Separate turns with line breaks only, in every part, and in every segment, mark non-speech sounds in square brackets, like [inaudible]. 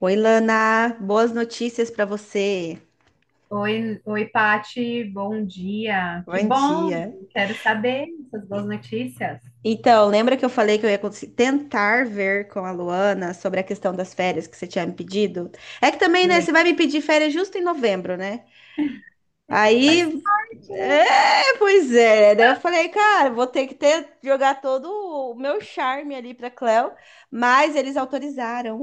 Oi, Lana, boas notícias para você.
Oi, Pati, bom dia. Que
Bom
bom,
dia.
quero saber essas boas notícias.
Então, lembra que eu falei que eu ia tentar ver com a Luana sobre a questão das férias que você tinha me pedido? É que também, né,
Lê.
você vai me pedir férias justo em novembro, né?
Faz
Aí,
parte, né?
é, pois é. Daí eu falei, cara, vou ter que ter jogar todo o meu charme ali para Cléo, mas eles autorizaram.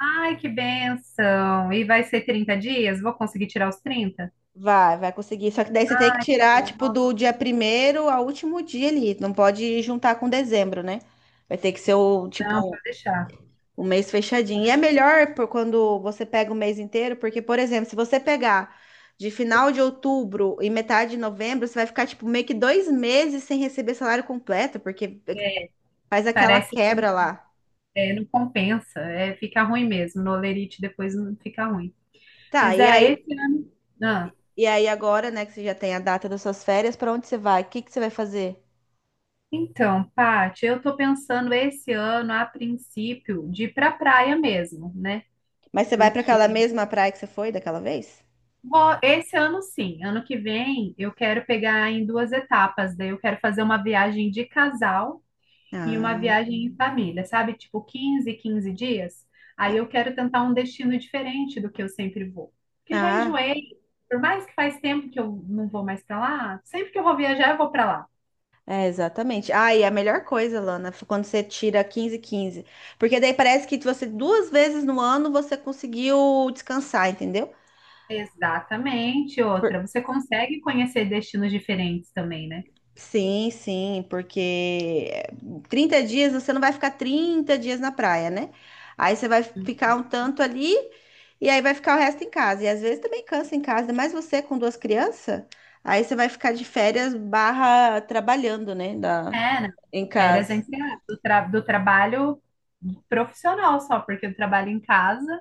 Ai, que benção. E vai ser 30 dias? Vou conseguir tirar os 30?
Vai, vai conseguir. Só que daí você tem que
Ai, que
tirar,
bom.
tipo,
Nossa,
do dia primeiro ao último dia ali. Não pode juntar com dezembro, né? Vai ter que ser o,
não,
tipo,
pode deixar,
o mês fechadinho.
pode
E é
deixar.
melhor por quando você pega o mês inteiro, porque, por exemplo, se você pegar de final de outubro e metade de novembro, você vai ficar, tipo, meio que 2 meses sem receber salário completo, porque faz aquela
Parece que
quebra lá.
é, não compensa, é, fica ruim mesmo. No olerite depois não fica ruim.
Tá,
Mas
e aí,
é esse ano. Ah,
e aí agora, né, que você já tem a data das suas férias, pra onde você vai? O que que você vai fazer?
então, Pati, eu tô pensando esse ano, a princípio, de ir pra praia mesmo, né?
Mas você vai pra aquela
Porque
mesma praia que você foi daquela vez?
Esse ano sim, ano que vem eu quero pegar em duas etapas. Daí eu quero fazer uma viagem de casal e uma
Ah,
viagem em família, sabe? Tipo 15 dias. Aí
é.
eu quero tentar um destino diferente do que eu sempre vou. Porque já
Ah,
enjoei. Por mais que faz tempo que eu não vou mais pra lá, sempre que eu vou viajar eu vou pra lá.
é, exatamente. Ah, e a melhor coisa, Lana, foi quando você tira 15, quinze. Porque daí parece que você duas vezes no ano você conseguiu descansar, entendeu?
Exatamente,
Por-
outra. Você consegue conhecer destinos diferentes também, né?
Sim, sim, porque 30 dias você não vai ficar 30 dias na praia, né? Aí você vai ficar um
Uhum.
tanto ali e aí vai ficar o resto em casa. E às vezes também cansa em casa, mas você com duas crianças, aí você vai ficar de férias barra trabalhando, né?
É, né?
Em
Férias
casa.
entre do trabalho profissional só, porque eu trabalho em casa,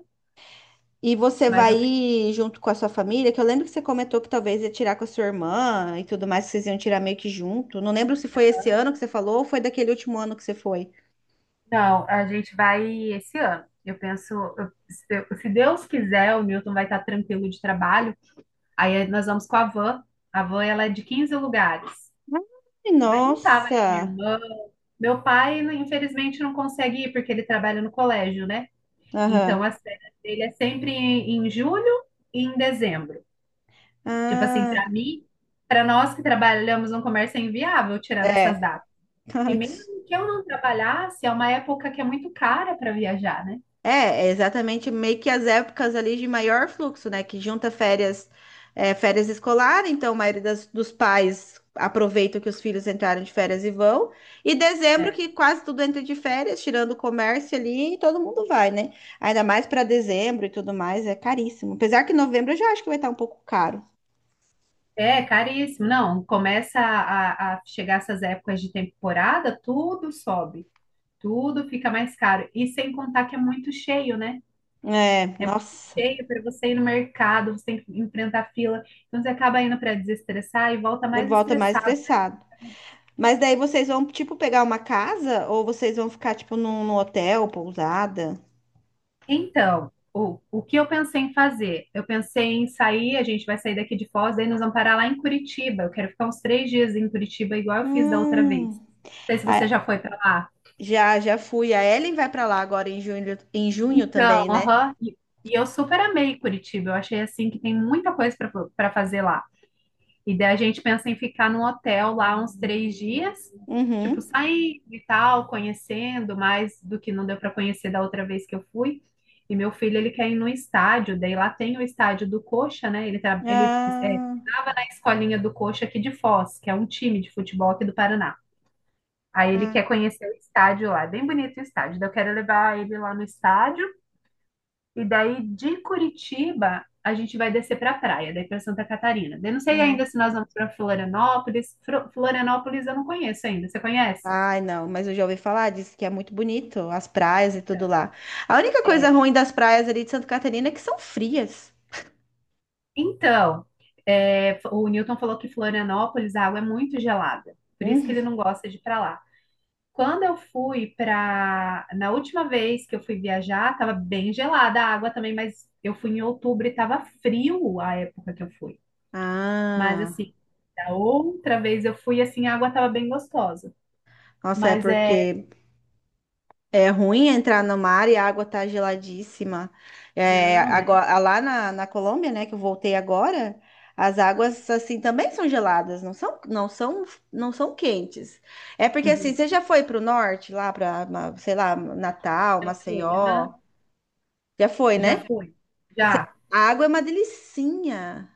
E você
mas
vai
eu quero.
ir junto com a sua família, que eu lembro que você comentou que talvez ia tirar com a sua irmã e tudo mais, que vocês iam tirar meio que junto. Não lembro se foi esse ano que você falou ou foi daquele último ano que você foi.
Não, a gente vai esse ano. Eu penso, se Deus quiser, o Newton vai estar tranquilo de trabalho. Aí nós vamos com a van. A van, ela é de 15 lugares.
Ai,
Aí vai juntar, vai minha
nossa!
irmã. Meu pai, infelizmente, não consegue ir porque ele trabalha no colégio, né? Então,
Aham.
as férias dele é sempre em julho e em dezembro. Tipo assim,
Ah,
para mim, para nós que trabalhamos no comércio é inviável tirar nessas
é.
datas.
[laughs]
E
Ai, que
mesmo que eu não trabalhasse, é uma época que é muito cara para viajar, né?
É exatamente meio que as épocas ali de maior fluxo, né? Que junta férias, férias escolar, então a maioria dos pais aproveita que os filhos entraram de férias e vão. E dezembro,
É,
que quase tudo entra de férias, tirando o comércio ali, e todo mundo vai, né? Ainda mais para dezembro e tudo mais, é caríssimo. Apesar que novembro eu já acho que vai estar um pouco caro.
é caríssimo. Não, começa a chegar essas épocas de temporada, tudo sobe, tudo fica mais caro. E sem contar que é muito cheio, né?
É,
É muito
nossa,
cheio para você ir no mercado, você tem que enfrentar fila. Então você acaba indo para desestressar e volta
de
mais
volta mais
estressado, né?
estressado. Mas daí vocês vão, tipo, pegar uma casa ou vocês vão ficar, tipo, num hotel, pousada?
Então, o que eu pensei em fazer? Eu pensei em sair, a gente vai sair daqui de Foz, daí nós vamos parar lá em Curitiba. Eu quero ficar uns 3 dias em Curitiba, igual eu fiz da outra vez.
Hum.
Não sei se você
Ah,
já foi para lá.
já fui. A Ellen vai pra lá agora em junho
Então,
também, né?
aham. E eu super amei Curitiba. Eu achei assim que tem muita coisa para fazer lá. E daí a gente pensa em ficar num hotel lá uns 3 dias, tipo,
Uhum.
saindo e tal, conhecendo mais do que não deu para conhecer da outra vez que eu fui. E meu filho, ele quer ir no estádio, daí lá tem o estádio do Coxa, né? Ele, ele é,
Ah,
estava na escolinha do Coxa aqui de Foz, que é um time de futebol aqui do Paraná. Aí ele
ah,
quer conhecer o estádio lá, bem bonito o estádio. Daí eu quero levar ele lá no estádio e daí de Curitiba a gente vai descer para a praia, daí para Santa Catarina. Eu não sei
ah.
ainda se nós vamos para Florianópolis. Florianópolis eu não conheço ainda. Você conhece?
Ai, não, mas eu já ouvi falar, disse que é muito bonito, as praias e tudo
Então,
lá. A única coisa ruim das praias ali de Santa Catarina é que são frias.
então, é, o Newton falou que Florianópolis a água é muito gelada, por isso que
Hum.
ele não gosta de ir para lá. Quando eu fui para, na última vez que eu fui viajar, estava bem gelada a água também, mas eu fui em outubro e estava frio a época que eu fui. Mas
Ah,
assim, da outra vez eu fui assim, a água estava bem gostosa.
nossa, é
Mas é,
porque é ruim entrar no mar e a água tá geladíssima. É,
não, é.
agora, lá na Colômbia, né, que eu voltei agora, as águas assim também são geladas, não são quentes. É porque assim,
Uhum.
você já foi para o norte, lá para, sei lá, Natal,
Já foi,
Maceió,
aham.
já foi,
Já
né?
foi. Já.
A água é uma delicinha,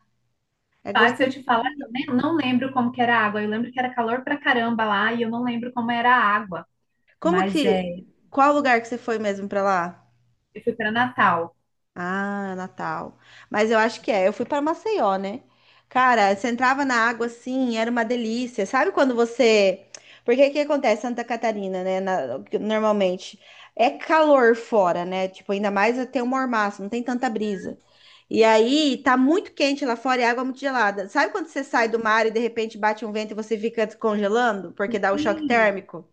é
Mas se eu te falar,
gostosinha.
eu nem, não lembro como que era a água. Eu lembro que era calor pra caramba lá e eu não lembro como era a água.
Como
Mas é,
que, qual lugar que você foi mesmo para lá?
eu fui para Natal.
Ah, Natal. Mas eu acho que é. Eu fui para Maceió, né? Cara, você entrava na água assim, era uma delícia. Sabe quando você. Porque o que acontece em Santa Catarina, né? Normalmente é calor fora, né? Tipo, ainda mais tem um mormaço, não tem tanta brisa. E aí tá muito quente lá fora e a água é muito gelada. Sabe quando você sai do mar e de repente bate um vento e você fica descongelando porque
Sim,
dá o choque térmico?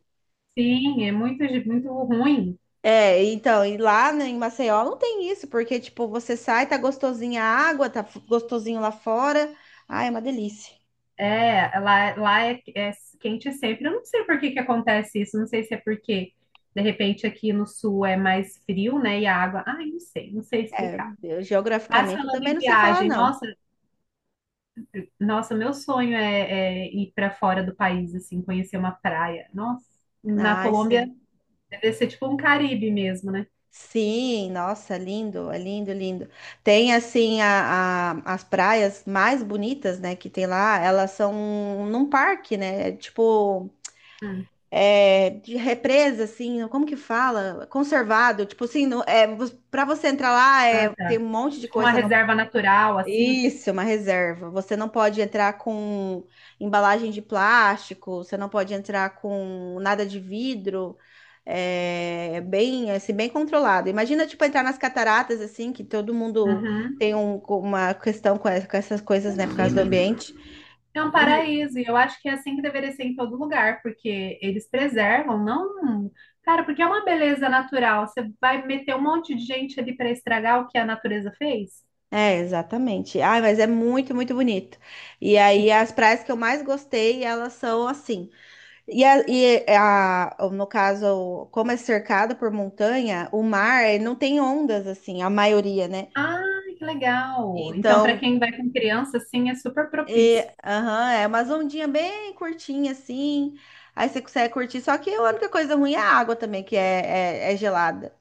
sim, é muito, muito ruim.
É, então, e lá né, em Maceió não tem isso, porque, tipo, você sai, tá gostosinha a água, tá gostosinho lá fora. Ai, é uma delícia.
É, lá é, é quente sempre. Eu não sei por que que acontece isso. Não sei se é porque, de repente, aqui no sul é mais frio, né? E a água. Ai, não sei, não sei
É,
explicar. Mas
geograficamente eu
falando
também
em
não sei falar,
viagem,
não.
nossa, nossa, meu sonho é, é ir para fora do país, assim, conhecer uma praia. Nossa, na
Ai,
Colômbia
sim.
deve ser tipo um Caribe mesmo, né?
Sim, nossa, é lindo, lindo. Tem, assim, as praias mais bonitas, né, que tem lá, elas são num parque, né, é tipo...
Hum,
É, de represa, assim, como que fala? Conservado, tipo assim, não, é, para você entrar lá,
ah,
é, tem
tá.
um monte de
Tipo uma
coisa no.
reserva natural, assim.
Isso, uma reserva. Você não pode entrar com embalagem de plástico, você não pode entrar com nada de vidro. É bem, assim, bem controlado. Imagina, tipo, entrar nas cataratas, assim, que todo mundo
Uhum.
tem uma questão com com essas coisas, né, por causa do
Imagina.
ambiente.
É um
E-
paraíso, e eu acho que é assim que deveria ser em todo lugar, porque eles preservam, não. Cara, porque é uma beleza natural. Você vai meter um monte de gente ali para estragar o que a natureza fez?
é, exatamente. Ai, mas é muito, muito bonito. E
E...
aí, as praias que eu mais gostei, elas são assim. No caso, como é cercado por montanha, o mar não tem ondas, assim, a maioria, né?
Ah, que legal! Então, para
Então,
quem vai com criança, sim, é super propício.
é, aham, é umas ondinhas bem curtinha assim. Aí você consegue curtir. Só que a única coisa ruim é a água também, que é gelada.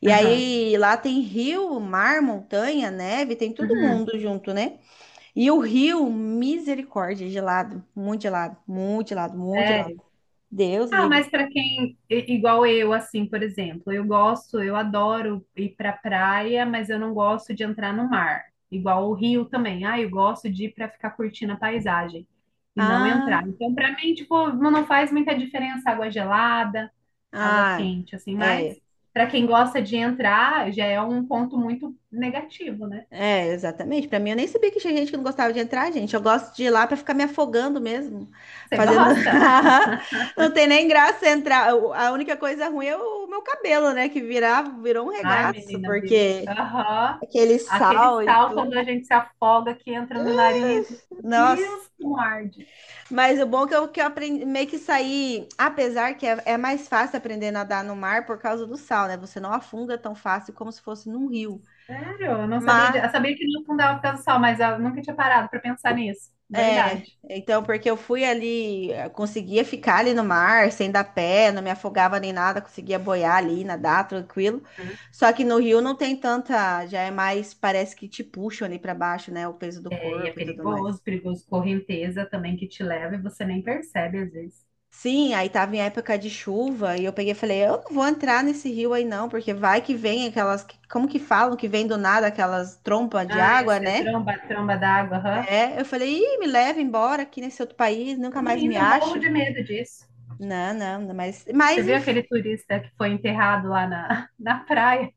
E
Aham.
aí lá tem rio, mar, montanha, neve, tem todo
Uhum.
mundo junto, né? E o rio, misericórdia, gelado, muito gelado, muito gelado, muito gelado.
Sério.
Deus
Ah,
livre.
mas para quem igual eu, assim, por exemplo, eu gosto, eu adoro ir para praia, mas eu não gosto de entrar no mar. Igual o Rio também. Ah, eu gosto de ir para ficar curtindo a paisagem e não entrar.
Ah.
Então, para mim, tipo, não faz muita diferença água gelada, água
Ah,
quente, assim,
é,
mas para quem gosta de entrar, já é um ponto muito negativo, né?
é, exatamente. Pra mim, eu nem sabia que tinha gente que não gostava de entrar, gente. Eu gosto de ir lá pra ficar me afogando mesmo,
Você
fazendo.
gosta?
[laughs] Não tem nem graça entrar. A única coisa ruim é o meu cabelo, né? Que virou um
Ai,
regaço,
menina, vira.
porque
Aham.
aquele
Aquele
sal e
sal quando a
tudo.
gente se afoga que entra no nariz.
Nossa.
Deus, como arde.
Mas o bom é que que eu aprendi meio que sair, apesar que é mais fácil aprender a nadar no mar por causa do sal, né? Você não afunda tão fácil como se fosse num rio.
Sério, eu não sabia.
Mas
Eu sabia que não afundava por causa do sal, mas eu nunca tinha parado para pensar nisso.
É,
Verdade.
então, porque eu fui ali, conseguia ficar ali no mar, sem dar pé, não me afogava nem nada, conseguia boiar ali, nadar tranquilo.
Uhum.
Só que no rio não tem tanta, já é mais, parece que te puxam ali pra baixo, né? O peso do
É, e é
corpo e tudo mais.
perigoso, perigoso correnteza também que te leva e você nem percebe às vezes.
Sim, aí tava em época de chuva e eu peguei e falei, eu não vou entrar nesse rio aí não, porque vai que vem aquelas, como que falam que vem do nada aquelas trompas de
Ah,
água,
esse é
né?
tromba, tromba d'água, aham.
É, eu falei, Ih, me leva embora aqui nesse outro país, nunca mais me
Menina, eu morro
acho.
de medo disso.
Não, não, não, mas,
Você
mas
viu
enfim.
aquele turista que foi enterrado lá na, [laughs] na praia?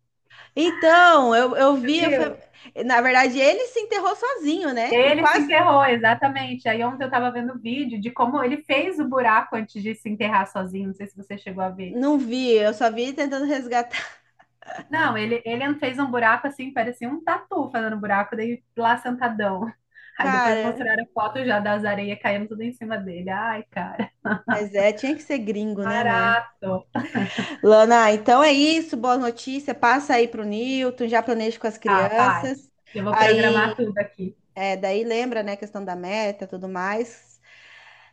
Então, eu
Você
vi,
viu?
na verdade, ele se enterrou sozinho, né? E
Ele se
quase
enterrou, exatamente. Aí ontem eu tava vendo vídeo de como ele fez o buraco antes de se enterrar sozinho. Não sei se você chegou a ver.
não vi, eu só vi ele tentando resgatar.
Não, ele fez um buraco assim, parecia um tatu fazendo buraco, daí lá sentadão. [laughs] Aí depois
Cara,
mostraram a foto já das areias caindo tudo em cima dele. Ai, cara,
mas tinha que ser gringo, né, mano?
barato.
Lana, então é isso, boa notícia. Passa aí pro Newton, já planeja com as
Ah, Paty,
crianças.
eu vou programar
Aí,
tudo aqui.
daí lembra, né, a questão da meta, tudo mais.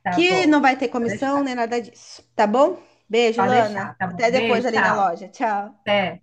Tá
Que
bom,
não vai ter
pode
comissão
deixar.
nem nada disso, tá bom? Beijo,
Pode
Lana.
deixar, tá bom.
Até depois
Beijo,
ali na
tchau.
loja. Tchau.
Até.